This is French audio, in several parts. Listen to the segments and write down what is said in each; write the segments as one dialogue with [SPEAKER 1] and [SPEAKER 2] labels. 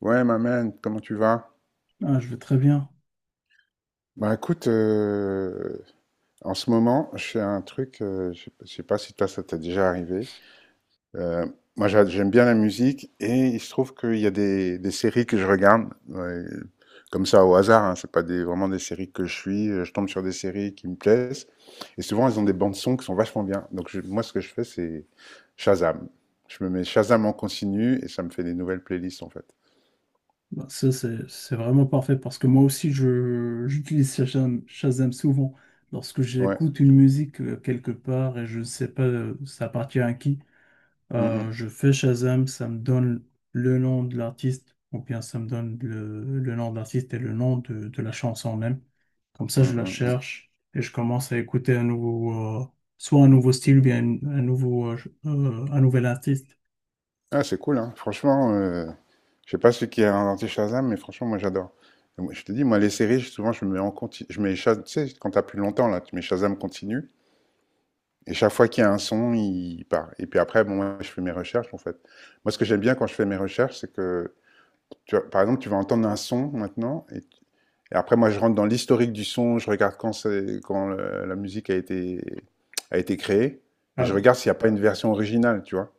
[SPEAKER 1] Ouais, ma man, comment tu vas?
[SPEAKER 2] Ah, je vais très bien.
[SPEAKER 1] Bah écoute, en ce moment, je fais un truc, je sais pas si toi ça t'est déjà arrivé. Euh, Moi j'aime bien la musique et il se trouve qu'il y a des séries que je regarde, ouais, comme ça au hasard, hein, c'est pas des, vraiment des séries que je suis, je tombe sur des séries qui me plaisent et souvent elles ont des bandes sons qui sont vachement bien. Donc moi ce que je fais c'est Shazam. Je me mets Shazam en continu et ça me fait des nouvelles playlists en fait.
[SPEAKER 2] Bah, ça, c'est vraiment parfait parce que moi aussi, j'utilise Shazam souvent lorsque
[SPEAKER 1] Ouais.
[SPEAKER 2] j'écoute une musique quelque part et je ne sais pas ça appartient à qui.
[SPEAKER 1] Mm, mm,
[SPEAKER 2] Je fais Shazam, ça me donne le nom de l'artiste ou bien ça me donne le nom de l'artiste et le nom de la chanson même. Comme ça,
[SPEAKER 1] mm,
[SPEAKER 2] je la
[SPEAKER 1] mm, mm.
[SPEAKER 2] cherche et je commence à écouter un nouveau, soit un nouveau style ou bien un nouveau, un nouvel artiste.
[SPEAKER 1] Ah, c'est cool, hein. Franchement, je sais pas celui qui a inventé Shazam, mais franchement, moi, j'adore. Et moi, je te dis, moi, les séries, souvent, je mets en continu. Je mets Shazam, tu sais, quand t'as plus longtemps, là, tu mets Shazam continue. Et chaque fois qu'il y a un son, il part. Et puis après, bon, moi, je fais mes recherches, en fait. Moi, ce que j'aime bien quand je fais mes recherches, c'est que, tu vois, par exemple, tu vas entendre un son maintenant. Et après, moi, je rentre dans l'historique du son. Je regarde quand, quand la musique a été créée. Et
[SPEAKER 2] Ah
[SPEAKER 1] je
[SPEAKER 2] oui.
[SPEAKER 1] regarde s'il n'y a pas une version originale, tu vois.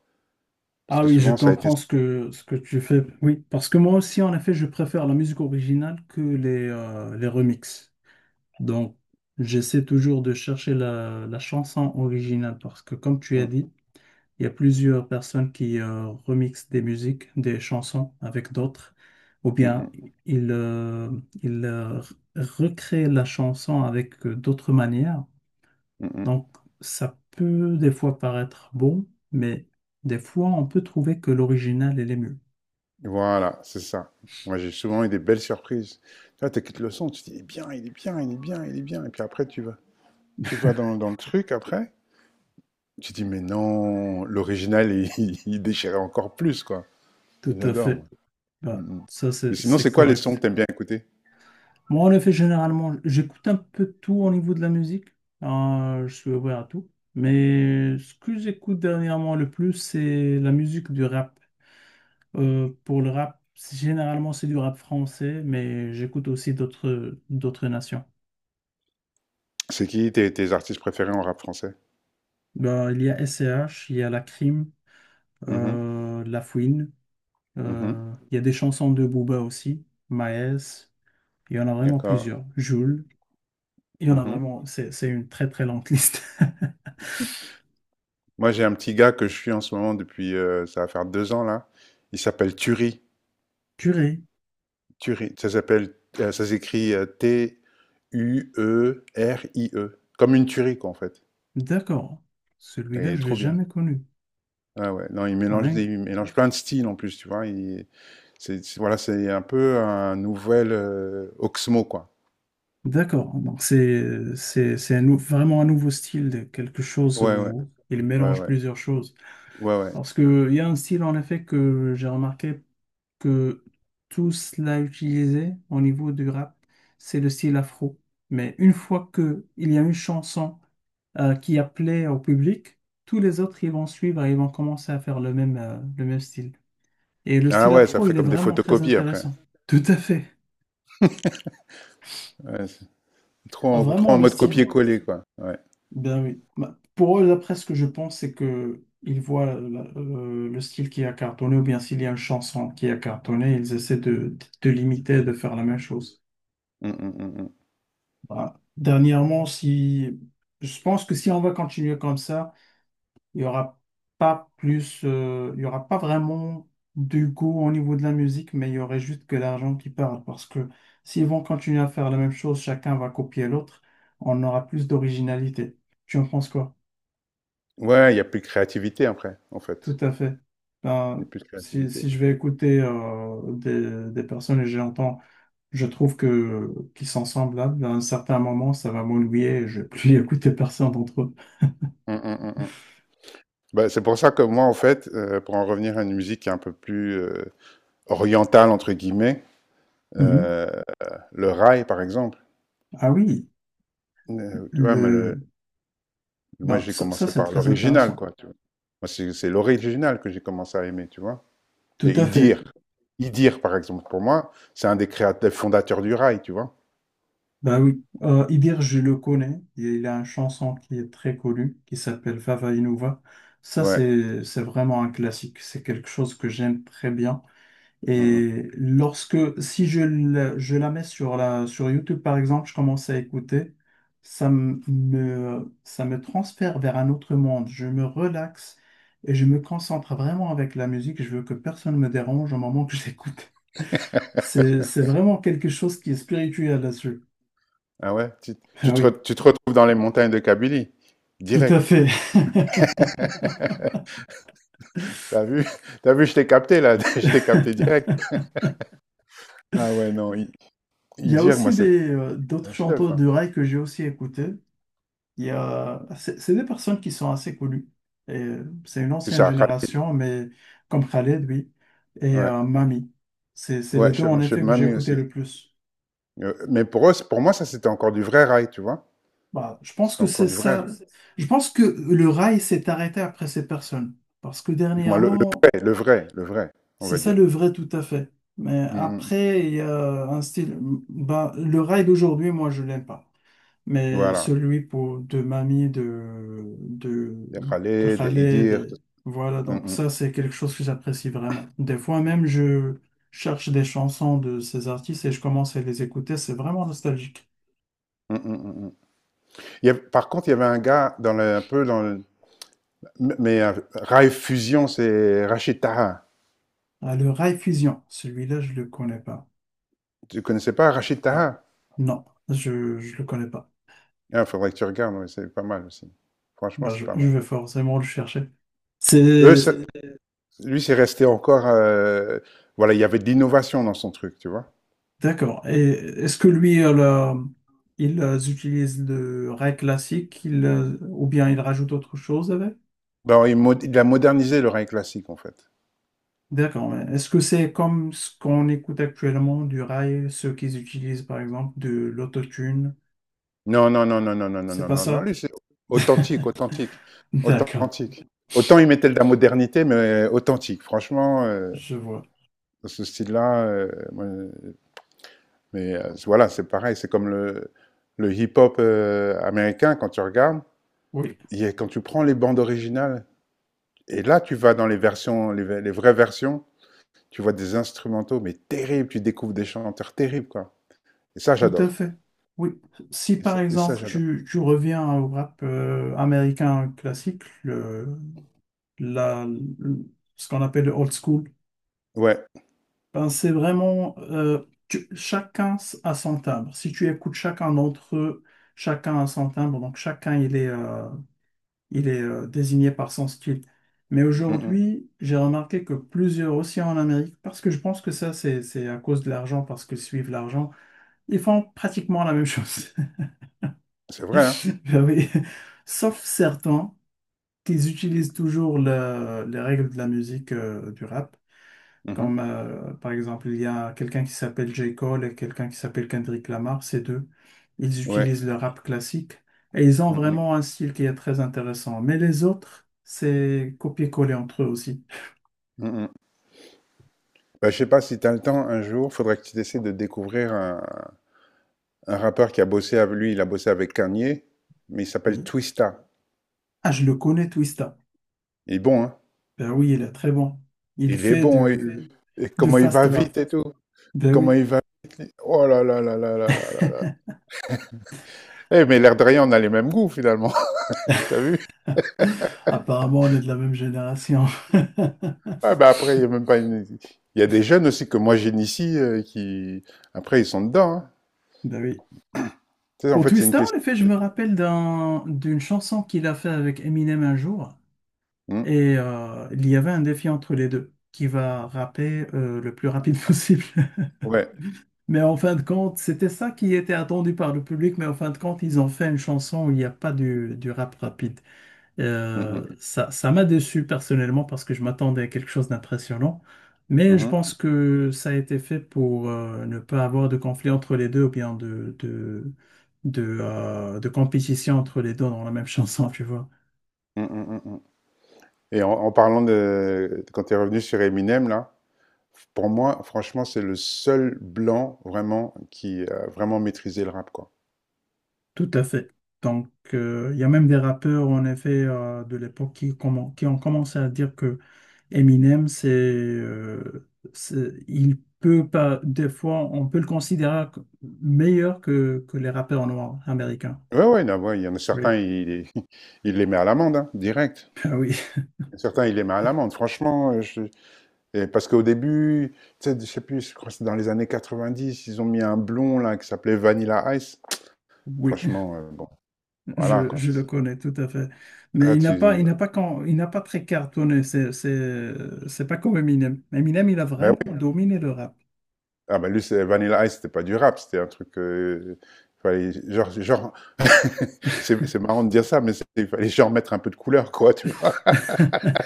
[SPEAKER 1] Parce
[SPEAKER 2] Ah
[SPEAKER 1] que
[SPEAKER 2] oui, je
[SPEAKER 1] souvent, ça a été.
[SPEAKER 2] comprends ce que tu fais. Oui, parce que moi aussi, en effet, je préfère la musique originale que les remixes. Donc, j'essaie toujours de chercher la chanson originale parce que, comme tu as
[SPEAKER 1] Mm,
[SPEAKER 2] dit, il y a plusieurs personnes qui remixent des musiques, des chansons avec d'autres, ou
[SPEAKER 1] mm,
[SPEAKER 2] bien
[SPEAKER 1] mm,
[SPEAKER 2] ils, ils recréent la chanson avec d'autres manières.
[SPEAKER 1] mm, mm.
[SPEAKER 2] Donc, ça peut des fois paraître bon, mais des fois, on peut trouver que l'original, elle est mieux.
[SPEAKER 1] Voilà, c'est ça. Moi, j'ai souvent eu des belles surprises. Tu vois, t'écoutes le son, tu te dis, il est bien, il est bien, il est bien, il est bien. Et puis après, tu vas dans le truc après, tu te dis, mais non, l'original, il, il déchirait encore plus, quoi.
[SPEAKER 2] Tout à
[SPEAKER 1] J'adore, moi.
[SPEAKER 2] fait. Bah,
[SPEAKER 1] Mm, mm.
[SPEAKER 2] ça,
[SPEAKER 1] Mais
[SPEAKER 2] c'est,
[SPEAKER 1] sinon,
[SPEAKER 2] c'est
[SPEAKER 1] c'est quoi les sons que
[SPEAKER 2] correct.
[SPEAKER 1] t'aimes bien écouter?
[SPEAKER 2] Moi, en effet, généralement, j'écoute un peu tout au niveau de la musique. Je suis ouvert à tout. Mais ce que j'écoute dernièrement le plus, c'est la musique du rap. Pour le rap, généralement, c'est du rap français, mais j'écoute aussi d'autres nations.
[SPEAKER 1] C'est qui tes artistes préférés en rap français?
[SPEAKER 2] Bah, il y a S C H, il y a La Crime,
[SPEAKER 1] Mhm,
[SPEAKER 2] La
[SPEAKER 1] mhm,
[SPEAKER 2] Il y a des chansons de Booba aussi, Maes, il y en a vraiment
[SPEAKER 1] d'accord.
[SPEAKER 2] plusieurs. Jul, il y en a
[SPEAKER 1] Mhm.
[SPEAKER 2] vraiment, c'est une très très longue liste.
[SPEAKER 1] Moi, j'ai un petit gars que je suis en ce moment depuis, ça va faire 2 ans, là. Il s'appelle Turi.
[SPEAKER 2] Purée,
[SPEAKER 1] Turie. Ça s'appelle, ça s'écrit Tuerie. Comme une tuerie, quoi, en fait.
[SPEAKER 2] d'accord.
[SPEAKER 1] Et il
[SPEAKER 2] Celui-là,
[SPEAKER 1] est
[SPEAKER 2] je l'ai
[SPEAKER 1] trop bien.
[SPEAKER 2] jamais connu.
[SPEAKER 1] Ah ouais, non, il
[SPEAKER 2] Ah,
[SPEAKER 1] mélange
[SPEAKER 2] dingue.
[SPEAKER 1] il mélange plein de styles en plus, tu vois. Voilà, c'est un peu un nouvel Oxmo, quoi.
[SPEAKER 2] D'accord. Donc, c'est vraiment un nouveau style, de quelque chose
[SPEAKER 1] Ouais, ouais,
[SPEAKER 2] où il
[SPEAKER 1] ouais,
[SPEAKER 2] mélange
[SPEAKER 1] ouais,
[SPEAKER 2] plusieurs choses.
[SPEAKER 1] ouais, ouais.
[SPEAKER 2] Parce que il y a un style, en effet, que j'ai remarqué que tous l'a utilisé au niveau du rap, c'est le style afro. Mais une fois que il y a une chanson qui a plaît au public, tous les autres ils vont suivre et ils vont commencer à faire le même style. Et le
[SPEAKER 1] Ah
[SPEAKER 2] style
[SPEAKER 1] ouais, ça
[SPEAKER 2] afro,
[SPEAKER 1] fait
[SPEAKER 2] il est
[SPEAKER 1] comme des
[SPEAKER 2] vraiment très
[SPEAKER 1] photocopies après.
[SPEAKER 2] intéressant. Tout à fait.
[SPEAKER 1] Ouais, c'est
[SPEAKER 2] Ah,
[SPEAKER 1] trop
[SPEAKER 2] vraiment
[SPEAKER 1] en
[SPEAKER 2] le
[SPEAKER 1] mode
[SPEAKER 2] style.
[SPEAKER 1] copier-coller, quoi. Ouais.
[SPEAKER 2] Ben oui. Bah, pour eux, d'après ce que je pense, c'est que ils voient le style qui a cartonné ou bien s'il y a une chanson qui a cartonné, ils essaient de l'imiter, de faire la même chose.
[SPEAKER 1] Mm, mm, mm, mm.
[SPEAKER 2] Voilà. Dernièrement, si je pense que si on va continuer comme ça, il y aura pas plus, il y aura pas vraiment de goût au niveau de la musique, mais il y aurait juste que l'argent qui parle. Parce que s'ils vont continuer à faire la même chose, chacun va copier l'autre, on aura plus d'originalité. Tu en penses quoi?
[SPEAKER 1] Ouais, il y a plus de créativité après, en
[SPEAKER 2] Tout
[SPEAKER 1] fait.
[SPEAKER 2] à fait.
[SPEAKER 1] Il y
[SPEAKER 2] Ben,
[SPEAKER 1] a plus de créativité.
[SPEAKER 2] si je vais écouter des personnes et j'entends, je trouve que qu'ils sont semblables, à un certain moment, ça va m'ennuyer et je vais plus écouter personne d'entre eux.
[SPEAKER 1] Mm, mm, mm, mm. Bah, c'est pour ça que moi, en fait, pour en revenir à une musique qui est un peu plus orientale, entre guillemets,
[SPEAKER 2] Mhm.
[SPEAKER 1] euh, le rail, par exemple,
[SPEAKER 2] Ah oui,
[SPEAKER 1] tu vois, mais
[SPEAKER 2] le...
[SPEAKER 1] moi,
[SPEAKER 2] bah,
[SPEAKER 1] j'ai
[SPEAKER 2] ça,
[SPEAKER 1] commencé
[SPEAKER 2] c'est
[SPEAKER 1] par
[SPEAKER 2] très
[SPEAKER 1] l'original,
[SPEAKER 2] intéressant.
[SPEAKER 1] quoi, tu vois. Moi, c'est l'original que j'ai commencé à aimer, tu vois.
[SPEAKER 2] Tout
[SPEAKER 1] Et
[SPEAKER 2] à fait.
[SPEAKER 1] Idir, Idir, par exemple, pour moi, c'est un des créateurs, fondateurs du rail, tu vois.
[SPEAKER 2] Bah oui, Idir, je le connais. Il a une chanson qui est très connue, qui s'appelle Vava Inuva. Ça,
[SPEAKER 1] Ouais.
[SPEAKER 2] c'est vraiment un classique. C'est quelque chose que j'aime très bien.
[SPEAKER 1] Mm, mm.
[SPEAKER 2] Et lorsque, si je, la- je la mets sur sur YouTube, par exemple, je commence à écouter, ça me transfère vers un autre monde. Je me relaxe et je me concentre vraiment avec la musique. Je veux que personne me dérange au moment que j'écoute. C'est vraiment quelque chose qui est spirituel là-dessus.
[SPEAKER 1] Ah ouais,
[SPEAKER 2] Ah oui,
[SPEAKER 1] tu te retrouves dans les montagnes de Kabylie,
[SPEAKER 2] tout à
[SPEAKER 1] direct.
[SPEAKER 2] fait.
[SPEAKER 1] T'as vu? T'as vu, je t'ai capté, là. Je t'ai capté direct. Ah ouais, non,
[SPEAKER 2] Il y a
[SPEAKER 1] Idir, moi,
[SPEAKER 2] aussi
[SPEAKER 1] c'est
[SPEAKER 2] d'autres
[SPEAKER 1] un chef,
[SPEAKER 2] chanteurs
[SPEAKER 1] hein.
[SPEAKER 2] de rail que j'ai aussi écoutés. Il y a, c'est des personnes qui sont assez connues. Et c'est une
[SPEAKER 1] C'est
[SPEAKER 2] ancienne
[SPEAKER 1] ça, Khaled.
[SPEAKER 2] génération, mais comme Khaled, oui, et
[SPEAKER 1] Ouais,
[SPEAKER 2] Mami. C'est les
[SPEAKER 1] ouais,
[SPEAKER 2] deux,
[SPEAKER 1] chef,
[SPEAKER 2] en
[SPEAKER 1] chef
[SPEAKER 2] effet, que j'ai
[SPEAKER 1] Mamie
[SPEAKER 2] écouté
[SPEAKER 1] aussi.
[SPEAKER 2] le plus.
[SPEAKER 1] Mais pour eux, pour moi, ça, c'était encore du vrai rail, tu vois.
[SPEAKER 2] Bah, je pense
[SPEAKER 1] C'était
[SPEAKER 2] que
[SPEAKER 1] encore
[SPEAKER 2] c'est
[SPEAKER 1] Je du Je pense vrai.
[SPEAKER 2] ça.
[SPEAKER 1] Que c'est...
[SPEAKER 2] Je pense que le rail s'est arrêté après ces personnes. Parce que
[SPEAKER 1] Du moins, le
[SPEAKER 2] dernièrement,
[SPEAKER 1] vrai, le vrai, le vrai, on
[SPEAKER 2] c'est
[SPEAKER 1] va
[SPEAKER 2] ça
[SPEAKER 1] dire.
[SPEAKER 2] le vrai tout à fait. Mais
[SPEAKER 1] Mm, mm.
[SPEAKER 2] après, il y a un style. Bah, le rail d'aujourd'hui, moi, je l'aime pas. Mais
[SPEAKER 1] Voilà.
[SPEAKER 2] celui pour de Mamie
[SPEAKER 1] Des
[SPEAKER 2] de
[SPEAKER 1] Khaled, des
[SPEAKER 2] Khaled,
[SPEAKER 1] Idir.
[SPEAKER 2] et voilà,
[SPEAKER 1] Mm,
[SPEAKER 2] donc
[SPEAKER 1] mm.
[SPEAKER 2] ça c'est quelque chose que j'apprécie vraiment. Des fois même je cherche des chansons de ces artistes et je commence à les écouter, c'est vraiment nostalgique.
[SPEAKER 1] Mm, mm, mm, mm. Par contre, il y avait un gars dans le, un peu dans le, mais rail fusion, c'est Rachid Taha.
[SPEAKER 2] Ah, le Rai Fusion, celui-là je le connais pas.
[SPEAKER 1] Tu connaissais pas Rachid
[SPEAKER 2] Ah,
[SPEAKER 1] Taha?
[SPEAKER 2] non, je le connais pas.
[SPEAKER 1] Il faudrait que tu regardes, ouais, c'est pas mal aussi. Franchement,
[SPEAKER 2] Bah,
[SPEAKER 1] c'est pas
[SPEAKER 2] je
[SPEAKER 1] mal.
[SPEAKER 2] vais forcément le chercher.
[SPEAKER 1] Eux,
[SPEAKER 2] C'est
[SPEAKER 1] ça- Lui, c'est resté encore. Voilà, il y avait de l'innovation dans son truc, tu vois.
[SPEAKER 2] D'accord. Et est-ce que lui, il utilise le rail classique ou bien il rajoute autre chose avec?
[SPEAKER 1] Ben, il a modernisé le rail classique, en fait.
[SPEAKER 2] D'accord. Mais est-ce que c'est comme ce qu'on écoute actuellement du rail, ceux qu'ils utilisent par exemple de l'autotune?
[SPEAKER 1] Non, non, non, non, non, non, non,
[SPEAKER 2] C'est
[SPEAKER 1] non,
[SPEAKER 2] pas
[SPEAKER 1] non, non.
[SPEAKER 2] ça?
[SPEAKER 1] Lui, c'est authentique, authentique,
[SPEAKER 2] D'accord.
[SPEAKER 1] authentique. Autant il mettait de la modernité, mais authentique. Franchement,
[SPEAKER 2] Je vois.
[SPEAKER 1] dans ce style-là, moi, mais voilà, c'est pareil. C'est comme le hip-hop américain, quand tu regardes,
[SPEAKER 2] Oui,
[SPEAKER 1] quand tu prends les bandes originales, et là, tu vas dans les versions, les vraies versions. Tu vois des instrumentaux, mais terribles. Tu découvres des chanteurs terribles, quoi. Et ça,
[SPEAKER 2] tout à
[SPEAKER 1] j'adore.
[SPEAKER 2] fait. Oui. Si par exemple
[SPEAKER 1] J'adore.
[SPEAKER 2] tu reviens au rap américain classique, la, le- ce qu'on appelle le old school,
[SPEAKER 1] Ouais.
[SPEAKER 2] ben, c'est vraiment chacun a son timbre. Si tu écoutes chacun d'entre eux, chacun a son timbre. Donc chacun il est désigné par son style. Mais
[SPEAKER 1] Mm, mm.
[SPEAKER 2] aujourd'hui, j'ai remarqué que plusieurs aussi en Amérique, parce que je pense que ça c'est à cause de l'argent, parce qu'ils suivent l'argent, ils font pratiquement la même chose.
[SPEAKER 1] C'est vrai, hein?
[SPEAKER 2] Ben oui. Sauf certains qui utilisent toujours les règles de la musique du rap.
[SPEAKER 1] Mhm.
[SPEAKER 2] Comme par exemple, il y a quelqu'un qui s'appelle J. Cole et quelqu'un qui s'appelle Kendrick Lamar, ces deux, ils
[SPEAKER 1] Ouais.
[SPEAKER 2] utilisent le rap classique et ils ont
[SPEAKER 1] Mm, mm.
[SPEAKER 2] vraiment un style qui est très intéressant. Mais les autres, c'est copier-coller entre eux aussi.
[SPEAKER 1] Mm, mm. Bah, je sais pas si tu as le temps un jour, faudrait que tu essaies de découvrir un rappeur qui a bossé avec lui. Il a bossé avec Kanye, mais il s'appelle
[SPEAKER 2] Oui.
[SPEAKER 1] Twista.
[SPEAKER 2] Ah, je le connais, Twista.
[SPEAKER 1] Il est bon, hein?
[SPEAKER 2] Ben oui, il est très bon. Il
[SPEAKER 1] Il est
[SPEAKER 2] fait
[SPEAKER 1] bon. Et
[SPEAKER 2] du
[SPEAKER 1] comment il
[SPEAKER 2] fast
[SPEAKER 1] va
[SPEAKER 2] rap.
[SPEAKER 1] vite et tout.
[SPEAKER 2] Ben
[SPEAKER 1] Comment
[SPEAKER 2] oui.
[SPEAKER 1] il va vite. Lui. Oh là là là là là là là. Eh, mais l'air de rien, on a les mêmes goûts finalement. T'as vu?
[SPEAKER 2] Apparemment, on est de la même génération.
[SPEAKER 1] Ah bah après, il y a même pas une... Il y a des jeunes aussi que moi j'initie qui... Après, ils sont dedans, hein.
[SPEAKER 2] Ben oui.
[SPEAKER 1] Tu sais, en
[SPEAKER 2] Pour
[SPEAKER 1] fait, c'est une
[SPEAKER 2] Twista, en
[SPEAKER 1] question...
[SPEAKER 2] effet, je me rappelle d'une chanson qu'il a fait avec Eminem un jour.
[SPEAKER 1] Mm.
[SPEAKER 2] Et il y avait un défi entre les deux qui va rapper le plus rapide possible.
[SPEAKER 1] Ouais.
[SPEAKER 2] Mais en fin de compte, c'était ça qui était attendu par le public, mais en fin de compte, ils ont fait une chanson où il n'y a pas du rap rapide.
[SPEAKER 1] Mm, mm.
[SPEAKER 2] Ça, ça m'a déçu personnellement parce que je m'attendais à quelque chose d'impressionnant. Mais je
[SPEAKER 1] Mhm.
[SPEAKER 2] pense que ça a été fait pour ne pas avoir de conflit entre les deux ou bien de compétition entre les deux dans la même chanson, tu vois.
[SPEAKER 1] Mm, mm, mm, mm. Et en parlant de... Quand tu es revenu sur Eminem, là, pour moi, franchement, c'est le seul blanc vraiment qui a vraiment maîtrisé le rap, quoi.
[SPEAKER 2] Tout à fait. Donc, il y a même des rappeurs, en effet, de l'époque qui ont commencé à dire que Eminem, il peut pas, des fois, on peut le considérer meilleur que les rappeurs noirs américains.
[SPEAKER 1] Ouais, ouais, là, ouais, il y en a
[SPEAKER 2] Oui,
[SPEAKER 1] certains, il, il les met à l'amende, hein, direct.
[SPEAKER 2] ah oui,
[SPEAKER 1] Certains, il les met à l'amende. Franchement, je, et parce qu'au début, tu sais, je sais plus, je crois que c'est dans les années 90, ils ont mis un blond là qui s'appelait Vanilla Ice.
[SPEAKER 2] oui.
[SPEAKER 1] Franchement, bon, voilà, quand
[SPEAKER 2] Je le connais tout à fait. Mais
[SPEAKER 1] là, tu
[SPEAKER 2] il n'a pas très cartonné. C'est pas comme Eminem. Eminem, il a
[SPEAKER 1] ben
[SPEAKER 2] vraiment
[SPEAKER 1] oui,
[SPEAKER 2] dominé le rap.
[SPEAKER 1] ah ben lui c'est Vanilla Ice, c'était pas du rap, c'était un truc fallait genre c'est marrant de dire ça mais il fallait genre mettre un peu de couleur quoi, tu vois.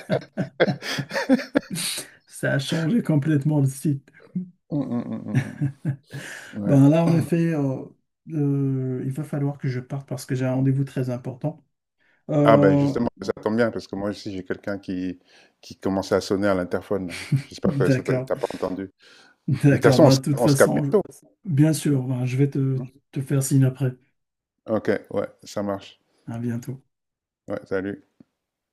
[SPEAKER 2] Ça a changé complètement le site.
[SPEAKER 1] Mm, mm, mm, mm, ouais.
[SPEAKER 2] Ben là, en effet, il va falloir que je parte parce que j'ai un rendez-vous très important.
[SPEAKER 1] Ah ben
[SPEAKER 2] Euh,
[SPEAKER 1] justement, ça tombe bien parce que moi aussi j'ai quelqu'un qui commençait à sonner à l'interphone, là. J'espère que ça
[SPEAKER 2] d'accord,
[SPEAKER 1] t'as pas entendu. De toute
[SPEAKER 2] d'accord.
[SPEAKER 1] façon,
[SPEAKER 2] Ben, de toute
[SPEAKER 1] on se capte
[SPEAKER 2] façon,
[SPEAKER 1] bientôt,
[SPEAKER 2] bien sûr, ben, je vais
[SPEAKER 1] hein.
[SPEAKER 2] te faire signe après.
[SPEAKER 1] Ok, ouais, ça marche.
[SPEAKER 2] À bientôt.
[SPEAKER 1] Ouais, salut.